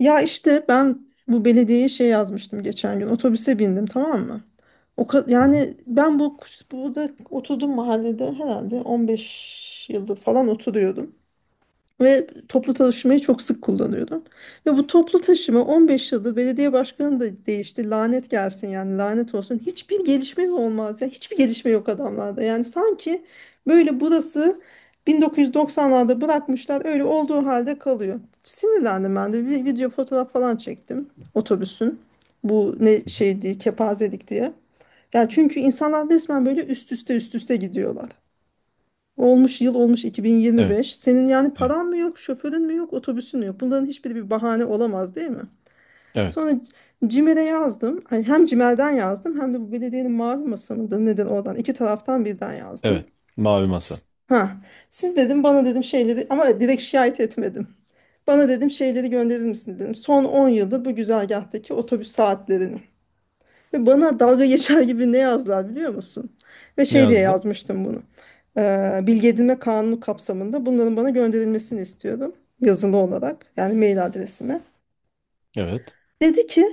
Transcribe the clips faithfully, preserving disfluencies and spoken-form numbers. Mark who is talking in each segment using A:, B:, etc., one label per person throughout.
A: Ya işte ben bu belediyeye şey yazmıştım geçen gün. Otobüse bindim tamam mı? O ka-
B: Hı hı.
A: yani ben bu burada oturdum mahallede herhalde on beş yıldır falan oturuyordum. Ve toplu taşımayı çok sık kullanıyordum. Ve bu toplu taşıma on beş yıldır belediye başkanı da değişti. Lanet gelsin yani lanet olsun. Hiçbir gelişme mi olmaz ya? Hiçbir gelişme yok adamlarda. Yani sanki böyle burası bin dokuz yüz doksanlarda bırakmışlar öyle olduğu halde kalıyor. Sinirlendim ben de bir video fotoğraf falan çektim otobüsün. Bu ne şeydi kepazelik diye. Yani çünkü insanlar resmen böyle üst üste üst üste gidiyorlar. Olmuş yıl olmuş
B: Evet,
A: iki bin yirmi beş. Senin yani
B: evet,
A: paran mı yok, şoförün mü yok, otobüsün mü yok? Bunların hiçbiri bir bahane olamaz değil mi?
B: evet,
A: Sonra C- yazdım. Ay, hem CİMER'den yazdım hem de bu belediyenin mavi masa mıdır nedir oradan. İki taraftan birden yazdım.
B: evet. Mavi masa.
A: S- Ha, siz dedim bana dedim şeyleri ama direkt şikayet etmedim. Bana dedim şeyleri gönderir misin dedim. Son on yıldır bu güzergahtaki otobüs saatlerini. Ve bana dalga geçer gibi ne yazdılar biliyor musun? Ve
B: Ne
A: şey diye
B: yazdılar?
A: yazmıştım bunu. Ee, bilgi edinme kanunu kapsamında bunların bana gönderilmesini istiyordum. Yazılı olarak yani mail adresime.
B: Evet.
A: Dedi ki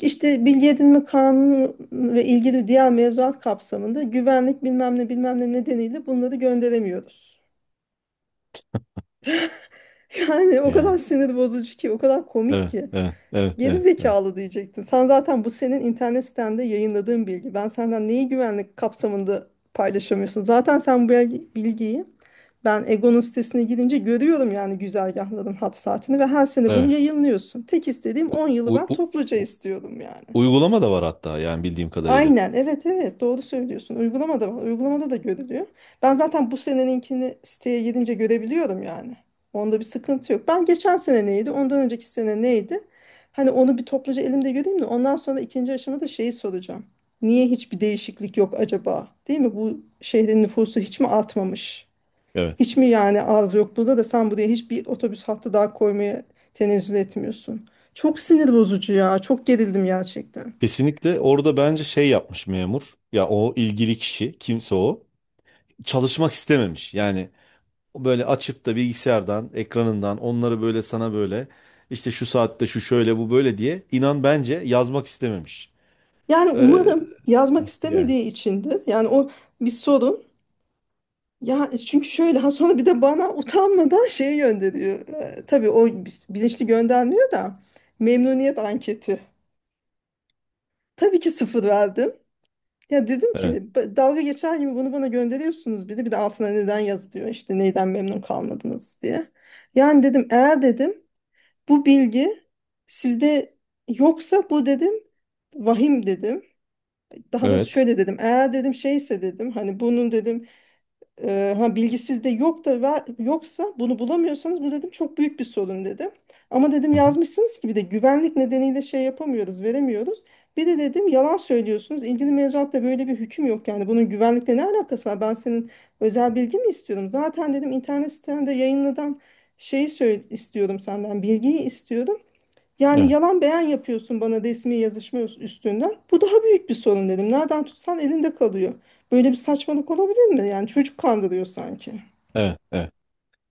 A: işte bilgi edinme kanunu ve ilgili diğer mevzuat kapsamında güvenlik bilmem ne bilmem ne nedeniyle bunları gönderemiyoruz. Yani o kadar
B: Yani,
A: sinir bozucu ki o kadar komik
B: evet,
A: ki.
B: evet, evet,
A: Geri
B: evet, evet.
A: zekalı diyecektim. Sen zaten bu senin internet sitende yayınladığın bilgi. Ben senden neyi güvenlik kapsamında paylaşamıyorsun? Zaten sen bu bilgi- bilgiyi ben Egon'un sitesine girince görüyorum yani güzergahların hat saatini ve her sene bunu
B: Evet.
A: yayınlıyorsun. Tek istediğim
B: U-
A: on yılı
B: u-
A: ben
B: u-
A: topluca
B: u-
A: istiyorum yani.
B: Uygulama da var hatta yani bildiğim kadarıyla.
A: Aynen evet evet doğru söylüyorsun. Uygulamada var. Uygulamada da görülüyor. Ben zaten bu seneninkini siteye girince görebiliyorum yani. Onda bir sıkıntı yok. Ben geçen sene neydi? Ondan önceki sene neydi? Hani onu bir topluca elimde göreyim de ondan sonra ikinci aşamada şeyi soracağım. Niye hiçbir değişiklik yok acaba? Değil mi? Bu şehrin nüfusu hiç mi artmamış?
B: Evet.
A: Hiç mi yani az yok burada da sen buraya hiçbir otobüs hattı daha koymaya tenezzül etmiyorsun? Çok sinir bozucu ya. Çok gerildim gerçekten.
B: Kesinlikle orada bence şey yapmış memur. Ya o ilgili kişi, kimse o. Çalışmak istememiş. Yani böyle açıp da bilgisayardan, ekranından onları böyle sana böyle işte şu saatte şu şöyle bu böyle diye inan bence yazmak istememiş.
A: Yani
B: Ee,
A: umarım yazmak
B: Yani,
A: istemediği içindir. Yani o bir sorun. Ya çünkü şöyle ha sonra bir de bana utanmadan şeyi gönderiyor. Ee, tabii o bilinçli göndermiyor da memnuniyet anketi. Tabii ki sıfır verdim. Ya dedim
B: evet,
A: ki "B- dalga geçer gibi bunu bana gönderiyorsunuz bir de bir de altına neden yazılıyor işte neyden memnun kalmadınız diye. Yani dedim eğer dedim bu bilgi sizde yoksa bu dedim vahim dedim. Daha doğrusu
B: evet.
A: şöyle dedim. Eğer dedim şeyse dedim hani bunun dedim e, ha bilgi sizde yok da ve- yoksa bunu bulamıyorsanız bu dedim çok büyük bir sorun dedim. Ama dedim
B: Hı hı.
A: yazmışsınız ki bir de güvenlik nedeniyle şey yapamıyoruz, veremiyoruz. Bir de dedim yalan söylüyorsunuz. İlgili mevzuatta böyle bir hüküm yok yani. Bunun güvenlikle ne alakası var? Ben senin özel bilgi mi istiyorum? Zaten dedim internet sitende yayınlanan şeyi söyle istiyorum senden, bilgiyi istiyorum. Yani
B: Evet.
A: yalan beyan yapıyorsun bana resmi yazışma üstünden. Bu daha büyük bir sorun dedim. Nereden tutsan elinde kalıyor. Böyle bir saçmalık olabilir mi? Yani çocuk kandırıyor sanki.
B: Evet, evet.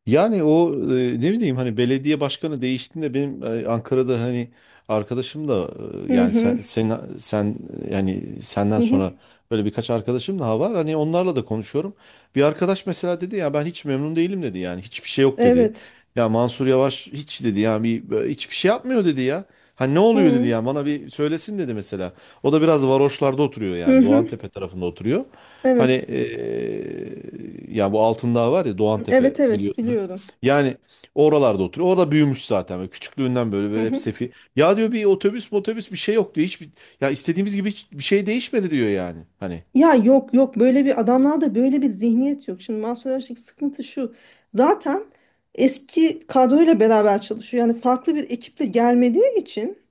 B: Yani o e, ne bileyim hani belediye başkanı değiştiğinde benim e, Ankara'da hani arkadaşım da e,
A: Hı
B: yani sen
A: hı.
B: sen sen e, yani senden
A: Hı hı.
B: sonra böyle birkaç arkadaşım daha var. Hani onlarla da konuşuyorum. Bir arkadaş mesela dedi ya ben hiç memnun değilim dedi yani hiçbir şey yok dedi.
A: Evet.
B: Ya Mansur Yavaş hiç dedi yani bir böyle hiçbir şey yapmıyor dedi ya. Hani ne oluyor dedi
A: Hı
B: ya bana bir söylesin dedi mesela. O da biraz varoşlarda oturuyor
A: hı.
B: yani
A: Hı.
B: Doğantepe tarafında oturuyor. Hani
A: Evet.
B: e, ya bu Altındağ var ya Doğantepe
A: Evet evet
B: biliyorsun.
A: biliyorum.
B: Yani oralarda oturuyor. Orada büyümüş zaten. Böyle küçüklüğünden böyle,
A: Hı
B: böyle hep
A: hı.
B: sefi. Ya diyor bir otobüs motobüs bir şey yok diyor. Hiçbir, ya istediğimiz gibi hiç bir şey değişmedi diyor yani. Hani.
A: Ya yok yok böyle bir adamlarda böyle bir zihniyet yok. Şimdi Mansur Yavaş'taki sıkıntı şu. Zaten eski kadroyla beraber çalışıyor. Yani farklı bir ekiple gelmediği için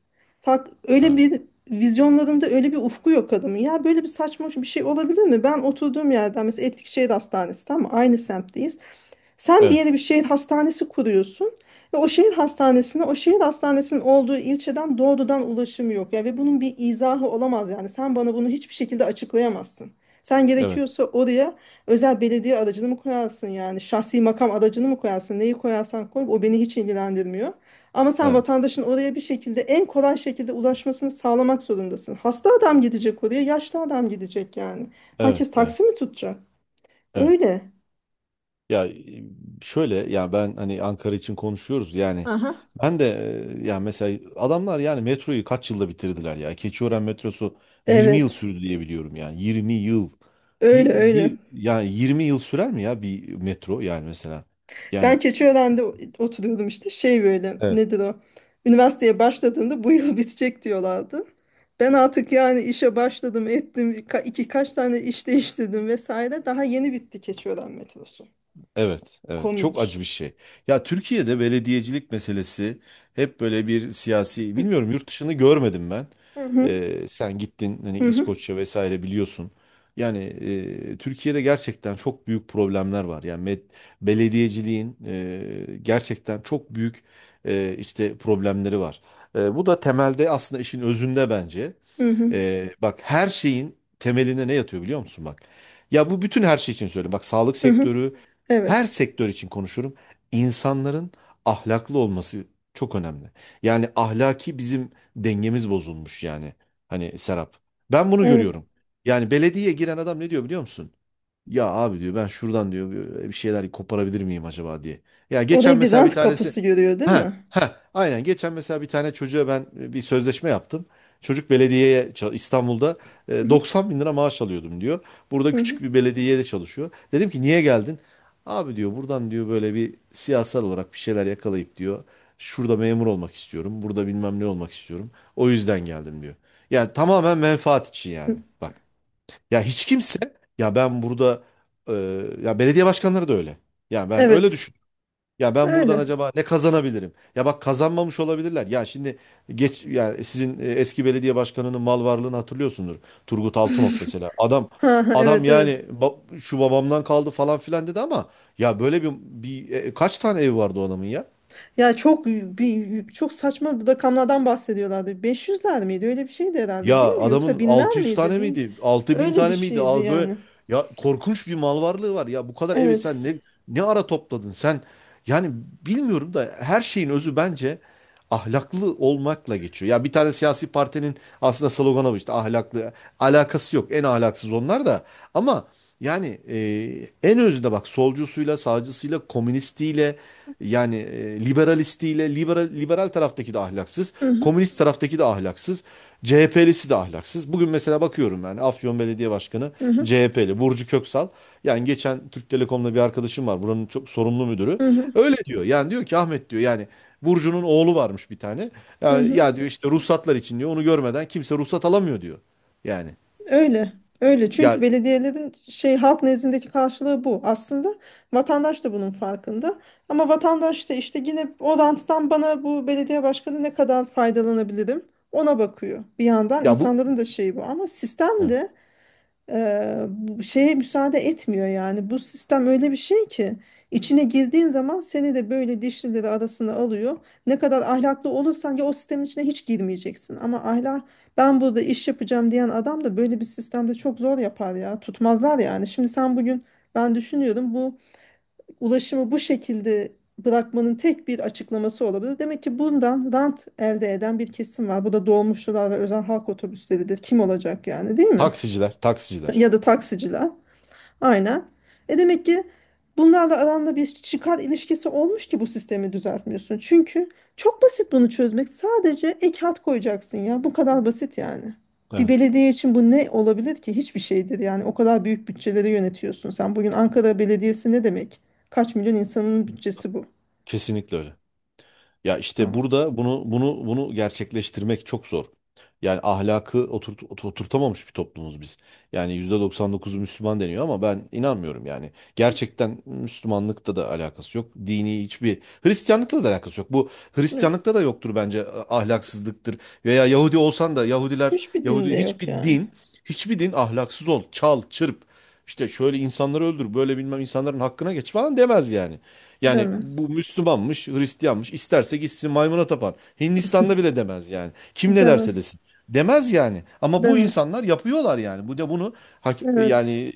A: fark, öyle
B: Ha.
A: bir vizyonlarında öyle bir ufku yok adamın. Ya böyle bir saçma bir şey olabilir mi? Ben oturduğum yerden mesela Etlikşehir Hastanesi tamam mı? Aynı semtteyiz. Sen bir
B: Evet,
A: yere bir şehir hastanesi kuruyorsun ve o şehir hastanesine o şehir hastanesinin olduğu ilçeden doğrudan ulaşım yok ya ve bunun bir izahı olamaz yani sen bana bunu hiçbir şekilde açıklayamazsın. Sen
B: evet,
A: gerekiyorsa oraya özel belediye aracını mı koyarsın yani şahsi makam aracını mı koyarsın neyi koyarsan koy o beni hiç ilgilendirmiyor. Ama sen
B: evet,
A: vatandaşın oraya bir şekilde en kolay şekilde ulaşmasını sağlamak zorundasın. Hasta adam gidecek oraya, yaşlı adam gidecek yani.
B: evet,
A: Herkes
B: evet,
A: taksi mi tutacak?
B: evet.
A: Öyle.
B: Ya e, şöyle yani ben hani Ankara için konuşuyoruz yani
A: Aha.
B: ben de e, yani mesela adamlar yani metroyu kaç yılda bitirdiler ya. Keçiören metrosu yirmi yıl
A: Evet.
B: sürdü diye biliyorum yani yirmi yıl.
A: Öyle
B: Bir,
A: öyle.
B: bir yani yirmi yıl sürer mi ya bir metro yani mesela?
A: Ben
B: Yani
A: Keçiören'de o- oturuyordum işte. Şey böyle nedir o? Üniversiteye başladığımda bu yıl bitecek diyorlardı. Ben artık yani işe başladım ettim. birka- iki kaç tane iş değiştirdim vesaire. Daha yeni bitti Keçiören metrosu.
B: evet, evet. Çok acı bir
A: Komik.
B: şey. Ya Türkiye'de belediyecilik meselesi hep böyle bir siyasi, bilmiyorum yurt dışını görmedim ben.
A: Hı hı
B: Ee, sen gittin hani
A: hı hı
B: İskoçya vesaire biliyorsun. Yani e, Türkiye'de gerçekten çok büyük problemler var. Yani med- belediyeciliğin e, gerçekten çok büyük e, işte problemleri var. E, bu da temelde aslında işin özünde bence.
A: hı hı.
B: Ee, bak her şeyin temelinde ne yatıyor biliyor musun bak. Ya bu bütün her şey için söylüyorum. Bak sağlık
A: Hı hı.
B: sektörü, her
A: Evet.
B: sektör için konuşurum. İnsanların ahlaklı olması çok önemli. Yani ahlaki bizim dengemiz bozulmuş yani. Hani Serap. Ben bunu
A: Evet.
B: görüyorum. Yani belediyeye giren adam ne diyor biliyor musun? Ya abi diyor ben şuradan diyor bir şeyler koparabilir miyim acaba diye. Ya geçen
A: Orayı bir
B: mesela bir
A: rant
B: tanesi
A: kapısı görüyor değil
B: ha
A: mi?
B: ha aynen geçen mesela bir tane çocuğa ben e, bir sözleşme yaptım. Çocuk belediyeye ça- İstanbul'da
A: Hı
B: e,
A: hı
B: doksan bin lira maaş alıyordum diyor. Burada
A: hı hı.
B: küçük bir belediyede çalışıyor. Dedim ki niye geldin? Abi diyor buradan diyor böyle bir siyasal olarak bir şeyler yakalayıp diyor. Şurada memur olmak istiyorum. Burada bilmem ne olmak istiyorum. O yüzden geldim diyor. Yani tamamen menfaat için yani.
A: Hı.
B: Bak. Ya hiç kimse ya ben burada e, ya belediye başkanları da öyle. Ya ben öyle
A: Evet.
B: düşün. Ya ben buradan
A: Öyle.
B: acaba ne kazanabilirim? Ya bak kazanmamış olabilirler. Ya şimdi geç yani sizin e, eski belediye başkanının mal varlığını hatırlıyorsundur. Turgut Altınok mesela. Adam
A: Ha ha,
B: adam
A: evet
B: yani
A: evet.
B: ba- şu babamdan kaldı falan filan dedi ama ya böyle bir, bir e, kaç tane ev vardı o adamın ya?
A: Ya çok bir çok saçma bir rakamlardan bahsediyorlardı. beş yüzler miydi? Öyle bir şeydi herhalde değil
B: Ya
A: mi? Yoksa
B: adamın
A: binler
B: altı yüz
A: miydi?
B: tane
A: Bin
B: miydi? Altı bin
A: öyle bir
B: tane miydi?
A: şeydi
B: Al böyle
A: yani.
B: ya korkunç bir mal varlığı var. Ya bu kadar evi
A: Evet.
B: sen ne ne ara topladın sen? Yani bilmiyorum da her şeyin özü bence ahlaklı olmakla geçiyor. Ya bir tane siyasi partinin aslında sloganı bu işte ahlaklı alakası yok. En ahlaksız onlar da ama yani e, en özünde bak solcusuyla, sağcısıyla, komünistiyle yani e, liberalistiyle, liberal, liberal taraftaki de ahlaksız,
A: Hı hı,
B: komünist taraftaki de ahlaksız, C H P'lisi de ahlaksız. Bugün mesela bakıyorum yani Afyon Belediye Başkanı
A: hı hı,
B: C H P'li Burcu Köksal. Yani geçen Türk Telekom'da bir arkadaşım var buranın çok sorumlu müdürü.
A: hı hı,
B: Öyle diyor yani diyor ki Ahmet diyor yani Burcu'nun oğlu varmış bir tane.
A: hı
B: Ya,
A: hı.
B: ya diyor işte ruhsatlar için diyor onu görmeden kimse ruhsat alamıyor diyor. Yani
A: Öyle. Öyle. Çünkü
B: ya
A: belediyelerin şey halk nezdindeki karşılığı bu. Aslında vatandaş da bunun farkında. Ama vatandaş da işte yine o ranttan bana bu belediye başkanı ne kadar faydalanabilirim ona bakıyor. Bir yandan
B: ya bu.
A: insanların da şeyi bu ama sistemde eee, bu şeye müsaade etmiyor yani. Bu sistem öyle bir şey ki içine girdiğin zaman seni de böyle dişlileri arasına alıyor. Ne kadar ahlaklı olursan ya o sistemin içine hiç girmeyeceksin. Ama ahlak ben burada iş yapacağım diyen adam da böyle bir sistemde çok zor yapar ya. Tutmazlar yani. Şimdi sen bugün ben düşünüyorum bu ulaşımı bu şekilde bırakmanın tek bir açıklaması olabilir. Demek ki bundan rant elde eden bir kesim var. Bu da dolmuşçular ve özel halk otobüsleridir. Kim olacak yani değil mi?
B: Taksiciler, taksiciler.
A: Ya da taksiciler. Aynen. E demek ki bunlarla aranda bir çıkar ilişkisi olmuş ki bu sistemi düzeltmiyorsun. Çünkü çok basit bunu çözmek. Sadece ek hat koyacaksın ya. Bu kadar basit yani. Bir
B: Evet.
A: belediye için bu ne olabilir ki? Hiçbir şeydir yani. O kadar büyük bütçeleri yönetiyorsun sen. Bugün Ankara Belediyesi ne demek? Kaç milyon insanın bütçesi bu?
B: Kesinlikle öyle. Ya işte
A: Aa,
B: burada bunu bunu bunu gerçekleştirmek çok zor. Yani ahlakı oturt, ot- oturtamamış bir toplumuz biz. Yani yüzde doksan dokuzu Müslüman deniyor ama ben inanmıyorum yani. Gerçekten Müslümanlıkta da alakası yok. Dini hiçbir Hristiyanlıkla da alakası yok. Bu
A: yok.
B: Hristiyanlıkta da yoktur bence e, ahlaksızlıktır. Veya Yahudi olsan da Yahudiler,
A: Hiçbir
B: Yahudi
A: dinde
B: hiçbir
A: yok yani.
B: din, hiçbir din ahlaksız ol, çal, çırp. İşte şöyle insanları öldür, böyle bilmem insanların hakkına geç falan demez yani. Yani
A: Demez.
B: bu Müslümanmış, Hristiyanmış, isterse gitsin maymuna tapan. Hindistan'da bile demez yani. Kim ne derse
A: Demez.
B: desin. Demez yani. Ama bu
A: Demez.
B: insanlar yapıyorlar yani. Bu da bunu hak- yani
A: Evet.
B: e,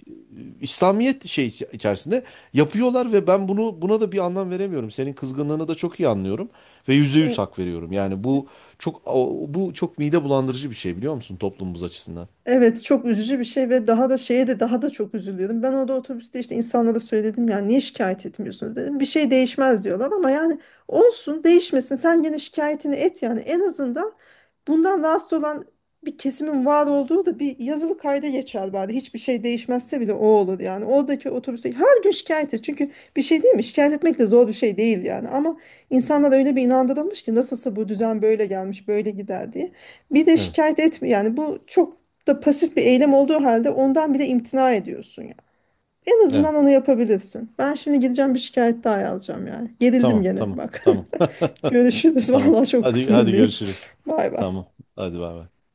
B: İslamiyet şey iç- içerisinde yapıyorlar ve ben bunu buna da bir anlam veremiyorum. Senin kızgınlığını da çok iyi anlıyorum ve yüzde yüz hak veriyorum. Yani bu çok o- bu çok mide bulandırıcı bir şey biliyor musun toplumumuz açısından?
A: Evet çok üzücü bir şey ve daha da şeye de daha da çok üzülüyordum. Ben orada otobüste işte insanlara söyledim yani niye şikayet etmiyorsunuz dedim. Bir şey değişmez diyorlar ama yani olsun değişmesin sen gene şikayetini et yani en azından bundan rahatsız olan bir kesimin var olduğu da bir yazılı kayda geçer bari. Hiçbir şey değişmezse bile o olur yani. Oradaki otobüse her gün şikayet et. Çünkü bir şey değil mi? Şikayet etmek de zor bir şey değil yani. Ama insanlar öyle bir inandırılmış ki nasılsa bu düzen böyle gelmiş, böyle gider diye. Bir de
B: Evet.
A: şikayet etme yani bu çok da pasif bir eylem olduğu halde ondan bile imtina ediyorsun ya. En azından
B: Evet.
A: onu yapabilirsin. Ben şimdi gideceğim bir şikayet daha yazacağım yani. Gerildim
B: Tamam,
A: gene
B: tamam,
A: bak.
B: tamam.
A: Görüşürüz.
B: Tamam.
A: Vallahi çok
B: Hadi hadi
A: sinirliyim.
B: görüşürüz.
A: Bay bay.
B: Tamam. Hadi bay bay.